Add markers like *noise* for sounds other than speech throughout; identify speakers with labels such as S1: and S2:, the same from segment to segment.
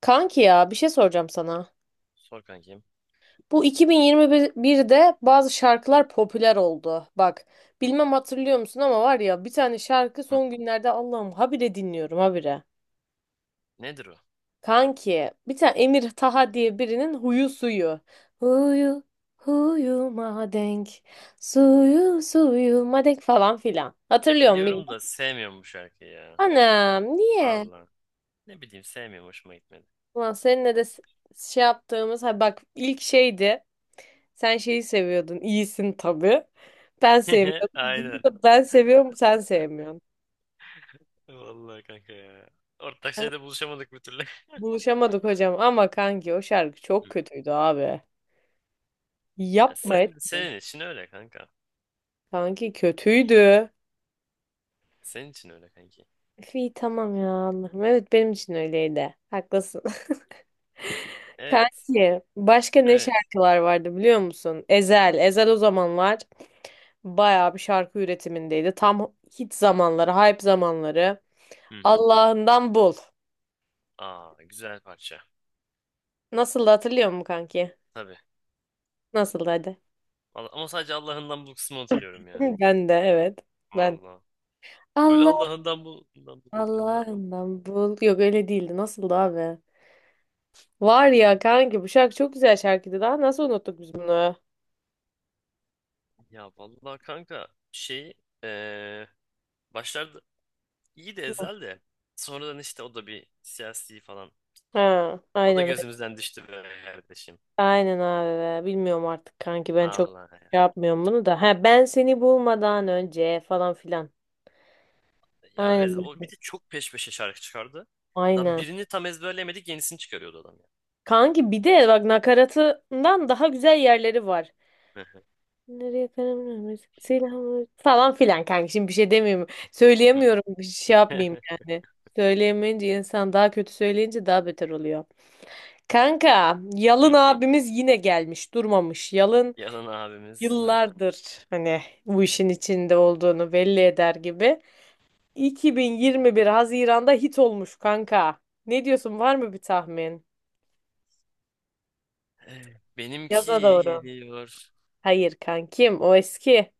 S1: Kanki ya bir şey soracağım sana.
S2: Sor kankim.
S1: Bu 2021'de bazı şarkılar popüler oldu. Bak bilmem hatırlıyor musun ama var ya bir tane şarkı
S2: Hı.
S1: son günlerde Allah'ım habire dinliyorum habire.
S2: Nedir o?
S1: Kanki bir tane Emir Taha diye birinin huyu suyu. Huyu huyuma denk suyu suyuma denk falan filan. Hatırlıyor musun
S2: Biliyorum
S1: bilmiyorum.
S2: da sevmiyorum bu şarkıyı ya.
S1: Anam niye?
S2: Vallahi. Ne bileyim sevmiyorum hoşuma gitmedi.
S1: Ulan seninle de şey yaptığımız ha bak ilk şeydi. Sen şeyi seviyordun. İyisin tabii. Ben
S2: *laughs*
S1: sevmiyordum.
S2: Aynen.
S1: Burada ben seviyorum, sen sevmiyorsun.
S2: Vallahi kanka ya. Ortak şeyde buluşamadık bir türlü. *laughs*
S1: Buluşamadık hocam ama kanki o şarkı çok
S2: Hı.
S1: kötüydü abi.
S2: Ya
S1: Yapma etme.
S2: senin için öyle kanka.
S1: Kanki kötüydü.
S2: Senin için öyle kanki.
S1: Üf, İyi tamam ya Allah'ım. Evet benim için öyleydi. Haklısın. *laughs*
S2: Evet.
S1: Kanki başka ne
S2: Evet.
S1: şarkılar vardı biliyor musun? Ezel. Ezel o zamanlar bayağı bir şarkı üretimindeydi. Tam hit zamanları, hype zamanları.
S2: Hı hı.
S1: Allah'ından bul.
S2: Aa güzel parça.
S1: Nasıldı hatırlıyor musun kanki?
S2: Tabii.
S1: Nasıldı hadi.
S2: Ama sadece Allah'ından bul kısmını
S1: *laughs*
S2: hatırlıyorum ya.
S1: Ben de evet. Ben.
S2: Vallahi. Öyle
S1: Allah
S2: Allah'ından bul, bundan buluyordu. Ha.
S1: Allah'ından bul. Yok öyle değildi. Nasıldı abi? Var ya kanki bu şarkı çok güzel şarkıydı. Daha nasıl unuttuk biz bunu?
S2: Ya vallahi kanka şey eee, başlarda İyi de Ezel de. Sonradan işte o da bir siyasi falan.
S1: Ha,
S2: O da
S1: aynen
S2: gözümüzden düştü be kardeşim.
S1: aynen abi. Be. Bilmiyorum artık kanki ben çok
S2: Allah ya.
S1: şey yapmıyorum bunu da. Ha ben seni bulmadan önce falan filan.
S2: Ya evet
S1: Aynen
S2: o bir de çok peş peşe şarkı çıkardı. Lan
S1: aynen.
S2: birini tam ezberleyemedik yenisini çıkarıyordu adam
S1: Kanki bir de bak nakaratından daha güzel yerleri var.
S2: ya.
S1: Nereye karar vermez. Silahımı falan filan kanka. Şimdi bir şey demiyorum. Söyleyemiyorum. Bir şey yapmayayım yani. Söyleyemeyince insan daha kötü söyleyince daha beter oluyor. Kanka, Yalın
S2: *laughs*
S1: abimiz yine gelmiş, durmamış. Yalın
S2: Yalan abimiz. Heh.
S1: yıllardır hani bu işin içinde olduğunu belli eder gibi. 2021 Haziran'da hit olmuş kanka. Ne diyorsun? Var mı bir tahmin?
S2: Benimki
S1: Yaza doğru.
S2: geliyor.
S1: Hayır kankim, o eski.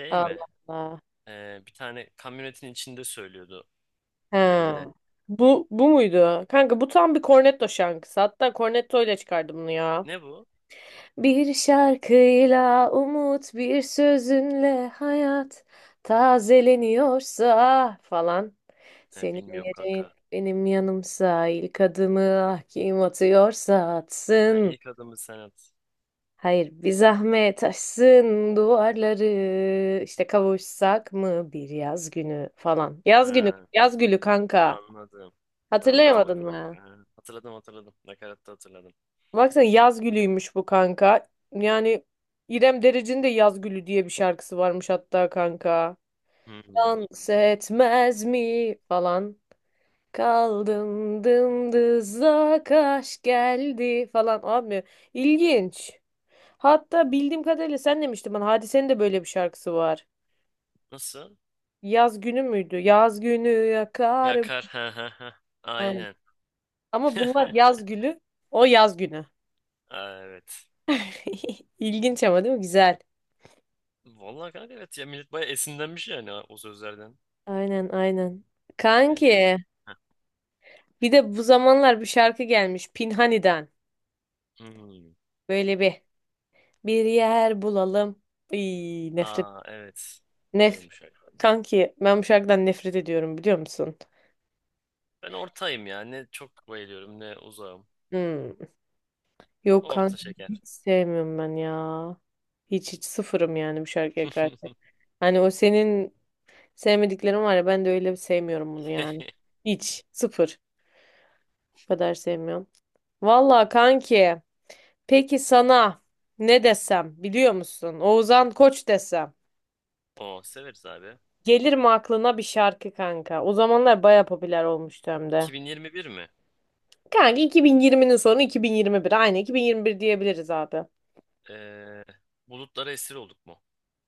S2: Şey mi?
S1: Allah Allah.
S2: Bir tane kamyonetin içinde söylüyordu
S1: He.
S2: klibinde.
S1: Bu bu muydu? Kanka bu tam bir Cornetto şarkısı. Hatta Cornetto ile çıkardı bunu ya.
S2: Ne bu?
S1: Bir şarkıyla umut, bir sözünle hayat tazeleniyorsa falan.
S2: Ha,
S1: Senin
S2: bilmiyorum
S1: yerin
S2: kanka.
S1: benim yanımsa ilk adımı ah kim atıyorsa
S2: Ha,
S1: atsın.
S2: ilk adımı sen at.
S1: Hayır bir zahmet aşsın duvarları işte kavuşsak mı bir yaz günü falan. Yaz günü,
S2: Ha.
S1: yaz gülü kanka.
S2: Anladım. Tamam
S1: Hatırlayamadın
S2: hatırladım
S1: mı?
S2: kanka. Ha, hatırladım hatırladım. Nakaratta hatırladım.
S1: Baksana yaz gülüymüş bu kanka. Yani İrem Derici'nin de yaz gülü diye bir şarkısı varmış hatta kanka.
S2: Hmm.
S1: Dans etmez mi falan. Kaldım dımdızlak aşk geldi falan abi. İlginç. Hatta bildiğim kadarıyla sen demiştin bana Hadise'nin de böyle bir şarkısı var.
S2: Nasıl?
S1: Yaz günü müydü? Yaz günü yakarım.
S2: Yakar. Ha ha ha.
S1: Aynen.
S2: Aynen.
S1: Ama bunlar
S2: *laughs*
S1: yaz gülü. O yaz günü.
S2: Aa, evet.
S1: *laughs* İlginç ama değil mi? Güzel.
S2: Vallahi kanka evet ya millet bayağı esinlenmiş yani, ha, o sözlerden.
S1: Aynen aynen.
S2: Benzer.
S1: Kanki
S2: Heh.
S1: bir de bu zamanlar bir şarkı gelmiş Pinhani'den.
S2: Hmm.
S1: Böyle bir yer bulalım. İy, nefret.
S2: Aa evet. Biliyorum
S1: Nef
S2: bu şarkıyı.
S1: Kanki ben bu şarkıdan nefret ediyorum biliyor musun?
S2: Ben ortayım ya. Ne çok bayılıyorum ne uzağım.
S1: Hmm. Yok
S2: Orta
S1: kanki
S2: şeker.
S1: hiç sevmiyorum ben ya. Hiç hiç sıfırım yani bu şarkıya karşı.
S2: *laughs*
S1: Hani o senin sevmediklerin var ya ben de öyle sevmiyorum bunu yani. Hiç sıfır. Bu kadar sevmiyorum. Valla kanki. Peki sana ne desem biliyor musun? Oğuzhan Koç desem.
S2: O severiz abi.
S1: Gelir mi aklına bir şarkı kanka? O zamanlar baya popüler olmuştu hem de.
S2: 2021 mi?
S1: Kanka 2020'nin sonu 2021. Aynı 2021 diyebiliriz abi.
S2: Ee, bulutlara esir olduk mu?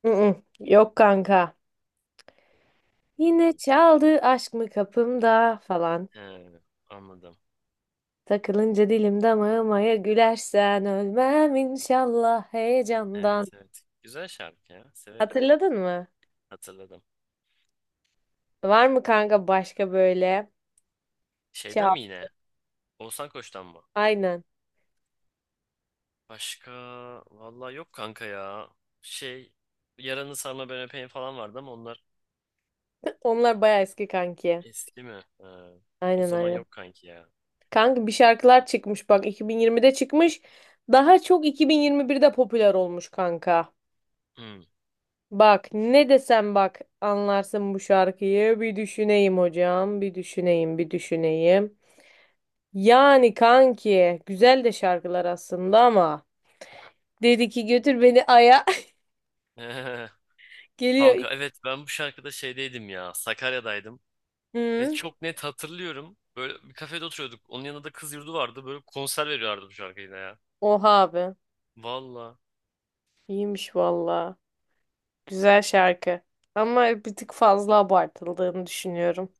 S1: Mm-mm. Yok kanka. Yine
S2: Hmm.
S1: çaldı aşk mı kapımda falan.
S2: He, anladım.
S1: Takılınca dilim damağıma ya gülersen ölmem inşallah
S2: Evet
S1: heyecandan.
S2: evet. Güzel şarkı ya. Severim.
S1: Hatırladın mı?
S2: Hatırladım.
S1: Var mı kanka başka böyle?
S2: Şeyden
S1: Çal.
S2: mi yine? Oğuzhan Koç'tan mı?
S1: Aynen.
S2: Başka vallahi yok kanka ya. Şey, Yaranı Sarma Ben Öpeyim falan vardı ama onlar
S1: *laughs* Onlar baya eski kanki.
S2: eski mi? Ha, o
S1: Aynen
S2: zaman
S1: aynen.
S2: yok kanki ya.
S1: Kanka bir şarkılar çıkmış bak 2020'de çıkmış. Daha çok 2021'de popüler olmuş kanka.
S2: Hmm.
S1: Bak ne desem bak anlarsın bu şarkıyı. Bir düşüneyim hocam, bir düşüneyim, bir düşüneyim. Yani kanki güzel de şarkılar aslında ama dedi ki götür beni aya
S2: *laughs*
S1: *laughs* geliyor.
S2: Kanka evet ben bu şarkıda şeydeydim ya. Sakarya'daydım. Ve
S1: Hı,
S2: çok net hatırlıyorum. Böyle bir kafede oturuyorduk. Onun yanında da kız yurdu vardı. Böyle konser veriyorlardı bu şarkıyla ya.
S1: oha abi.
S2: Valla.
S1: İyiymiş valla. Güzel şarkı. Ama bir tık fazla abartıldığını düşünüyorum.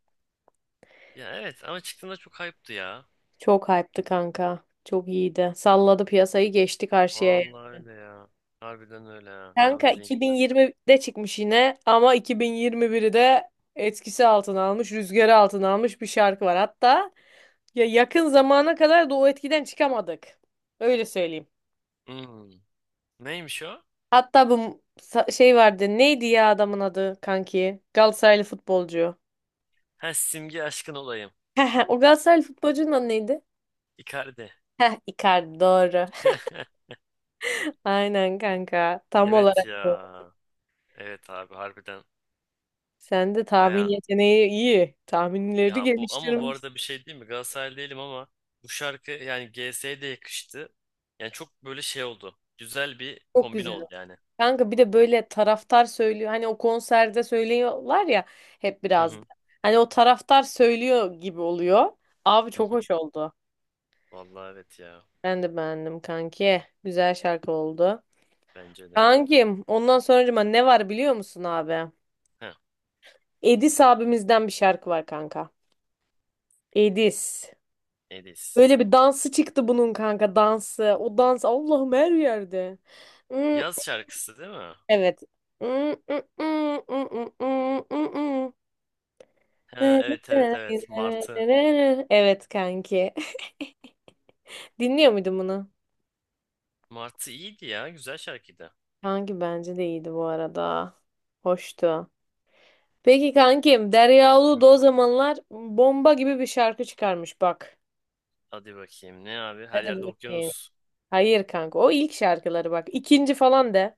S2: Ya evet ama çıktığında çok hype'tı ya.
S1: Çok hype'tı kanka. Çok iyiydi. Salladı piyasayı geçti karşıya.
S2: Vallahi öyle ya. Harbiden öyle ya. Tam
S1: Kanka
S2: dediğin.
S1: 2020'de çıkmış yine ama 2021'de etkisi altına almış, rüzgarı altına almış bir şarkı var. Hatta ya yakın zamana kadar da o etkiden çıkamadık. Öyle söyleyeyim.
S2: Hmm. Neymiş o?
S1: Hatta bu şey vardı. Neydi ya adamın adı kanki? Galatasaraylı futbolcu.
S2: Ha, simge aşkın olayım.
S1: *laughs* O Galatasaraylı futbolcunun adı neydi?
S2: Icardi.
S1: Heh, Icardi doğru.
S2: *laughs*
S1: *laughs* Aynen kanka. Tam
S2: Evet
S1: olarak.
S2: ya. Evet abi harbiden.
S1: Sen de tahmin
S2: Baya.
S1: yeteneği iyi. Tahminleri
S2: Ya bu ama bu
S1: geliştirmiş.
S2: arada bir şey değil mi? Galatasaray değilim ama bu şarkı yani GS'ye de yakıştı. Yani çok böyle şey oldu. Güzel bir
S1: Çok
S2: kombin
S1: güzel.
S2: oldu yani.
S1: Kanka bir de böyle taraftar söylüyor. Hani o konserde söylüyorlar ya hep
S2: Hı
S1: biraz da.
S2: hı.
S1: Hani o taraftar söylüyor gibi oluyor. Abi
S2: Hı
S1: çok
S2: hı.
S1: hoş oldu.
S2: Vallahi evet ya.
S1: Ben de beğendim kanki. Güzel şarkı oldu.
S2: Bence de.
S1: Kankim ondan sonracıma ne var biliyor musun abi?
S2: Ha,
S1: Edis abimizden bir şarkı var kanka. Edis.
S2: Edis.
S1: Böyle bir dansı çıktı bunun kanka dansı. O dans Allah'ım her yerde. Hmm,
S2: Yaz şarkısı değil mi?
S1: evet.
S2: Ha, evet evet evet. Martı.
S1: Evet kanki. *laughs* Dinliyor muydun bunu?
S2: Martı iyiydi ya. Güzel şarkıydı.
S1: Kanki bence de iyiydi bu arada. Hoştu. Peki kankim Derya
S2: Hı.
S1: Ulu o zamanlar bomba gibi bir şarkı çıkarmış bak.
S2: Hadi bakayım. Ne abi? Her
S1: Hadi
S2: yerde
S1: bakayım.
S2: okyanus.
S1: Hayır kanka o ilk şarkıları bak. İkinci falan de.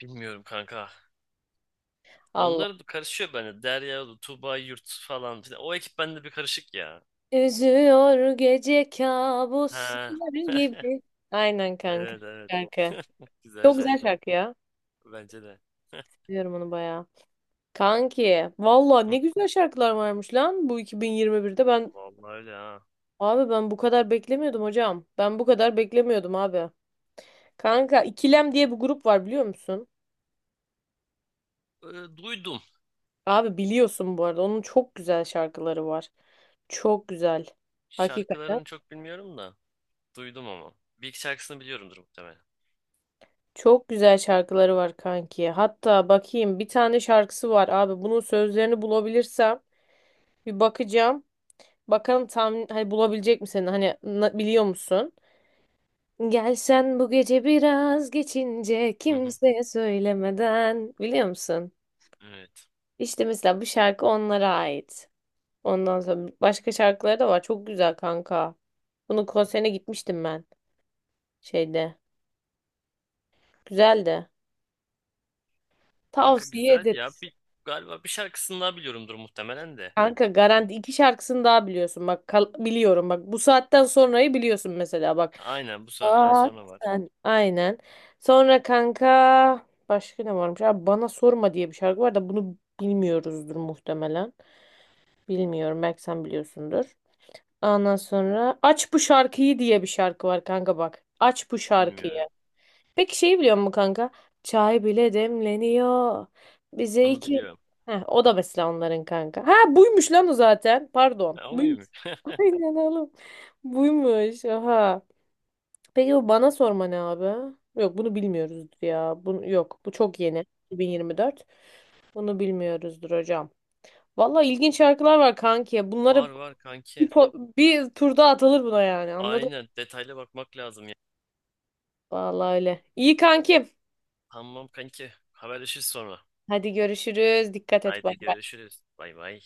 S2: Bilmiyorum kanka.
S1: Allah.
S2: Onlar da karışıyor bende. Derya, Tuba, Yurt falan filan. O ekip bende bir karışık ya.
S1: Üzüyor gece
S2: Ha.
S1: kabuslar
S2: *laughs*
S1: gibi. Aynen kanka.
S2: Evet evet.
S1: Şarkı.
S2: *laughs* Güzel
S1: Çok güzel
S2: şarkıydı.
S1: şarkı ya.
S2: Bence de. *laughs*
S1: Seviyorum onu bayağı. Kanki valla
S2: Hı,
S1: ne güzel şarkılar varmış lan bu 2021'de ben
S2: vallahi öyle ha.
S1: abi ben bu kadar beklemiyordum hocam. Ben bu kadar beklemiyordum abi. Kanka İkilem diye bir grup var biliyor musun?
S2: Duydum.
S1: Abi biliyorsun bu arada onun çok güzel şarkıları var. Çok güzel. Hakikaten
S2: Şarkılarını çok bilmiyorum da. Duydum ama. Bir iki şarkısını biliyorumdur muhtemelen.
S1: çok güzel şarkıları var kanki. Hatta bakayım bir tane şarkısı var abi. Bunun sözlerini bulabilirsem bir bakacağım. Bakalım tam hani bulabilecek misin? Hani biliyor musun? Gelsen bu gece biraz geçince
S2: Hı hı.
S1: kimseye söylemeden biliyor musun?
S2: Evet.
S1: İşte mesela bu şarkı onlara ait. Ondan sonra başka şarkıları da var. Çok güzel kanka. Bunun konserine gitmiştim ben şeyde. Güzeldi.
S2: Kanka
S1: Tavsiye
S2: güzel ya.
S1: ederiz.
S2: Galiba bir şarkısını daha biliyorumdur muhtemelen de.
S1: Kanka garanti iki şarkısını daha biliyorsun. Bak biliyorum bak bu saatten sonrayı biliyorsun mesela bak.
S2: Aynen bu saatten
S1: Aa,
S2: sonra var.
S1: sen aynen. Sonra kanka başka ne varmış? Abi bana sorma diye bir şarkı var da bunu bilmiyoruzdur muhtemelen. Bilmiyorum belki sen biliyorsundur. Ondan sonra aç bu şarkıyı diye bir şarkı var kanka bak. Aç bu
S2: Bilmiyorum.
S1: şarkıyı. Peki şeyi biliyor musun kanka? Çay bile demleniyor. Bize
S2: Onu
S1: iki.
S2: biliyorum.
S1: Heh, o da mesela onların kanka. Ha buymuş lan o zaten. Pardon.
S2: Ha, o
S1: Buymuş.
S2: muymuş?
S1: *laughs*
S2: *laughs*
S1: Aynen oğlum. Buymuş. Oha. Peki bu bana sorma ne abi? Yok bunu bilmiyoruzdur ya. Bunu, yok bu çok yeni. 2024. Bunu bilmiyoruzdur hocam. Valla ilginç şarkılar var kanki.
S2: Var
S1: Bunları
S2: var kanki.
S1: bir turda atılır buna yani anladın
S2: Aynen
S1: mı?
S2: detaylı bakmak lazım ya.
S1: Valla öyle. İyi kankim.
S2: Tamam kanki. Haberleşiriz sonra.
S1: Hadi görüşürüz. Dikkat et. Bay.
S2: Haydi görüşürüz. Bay bay.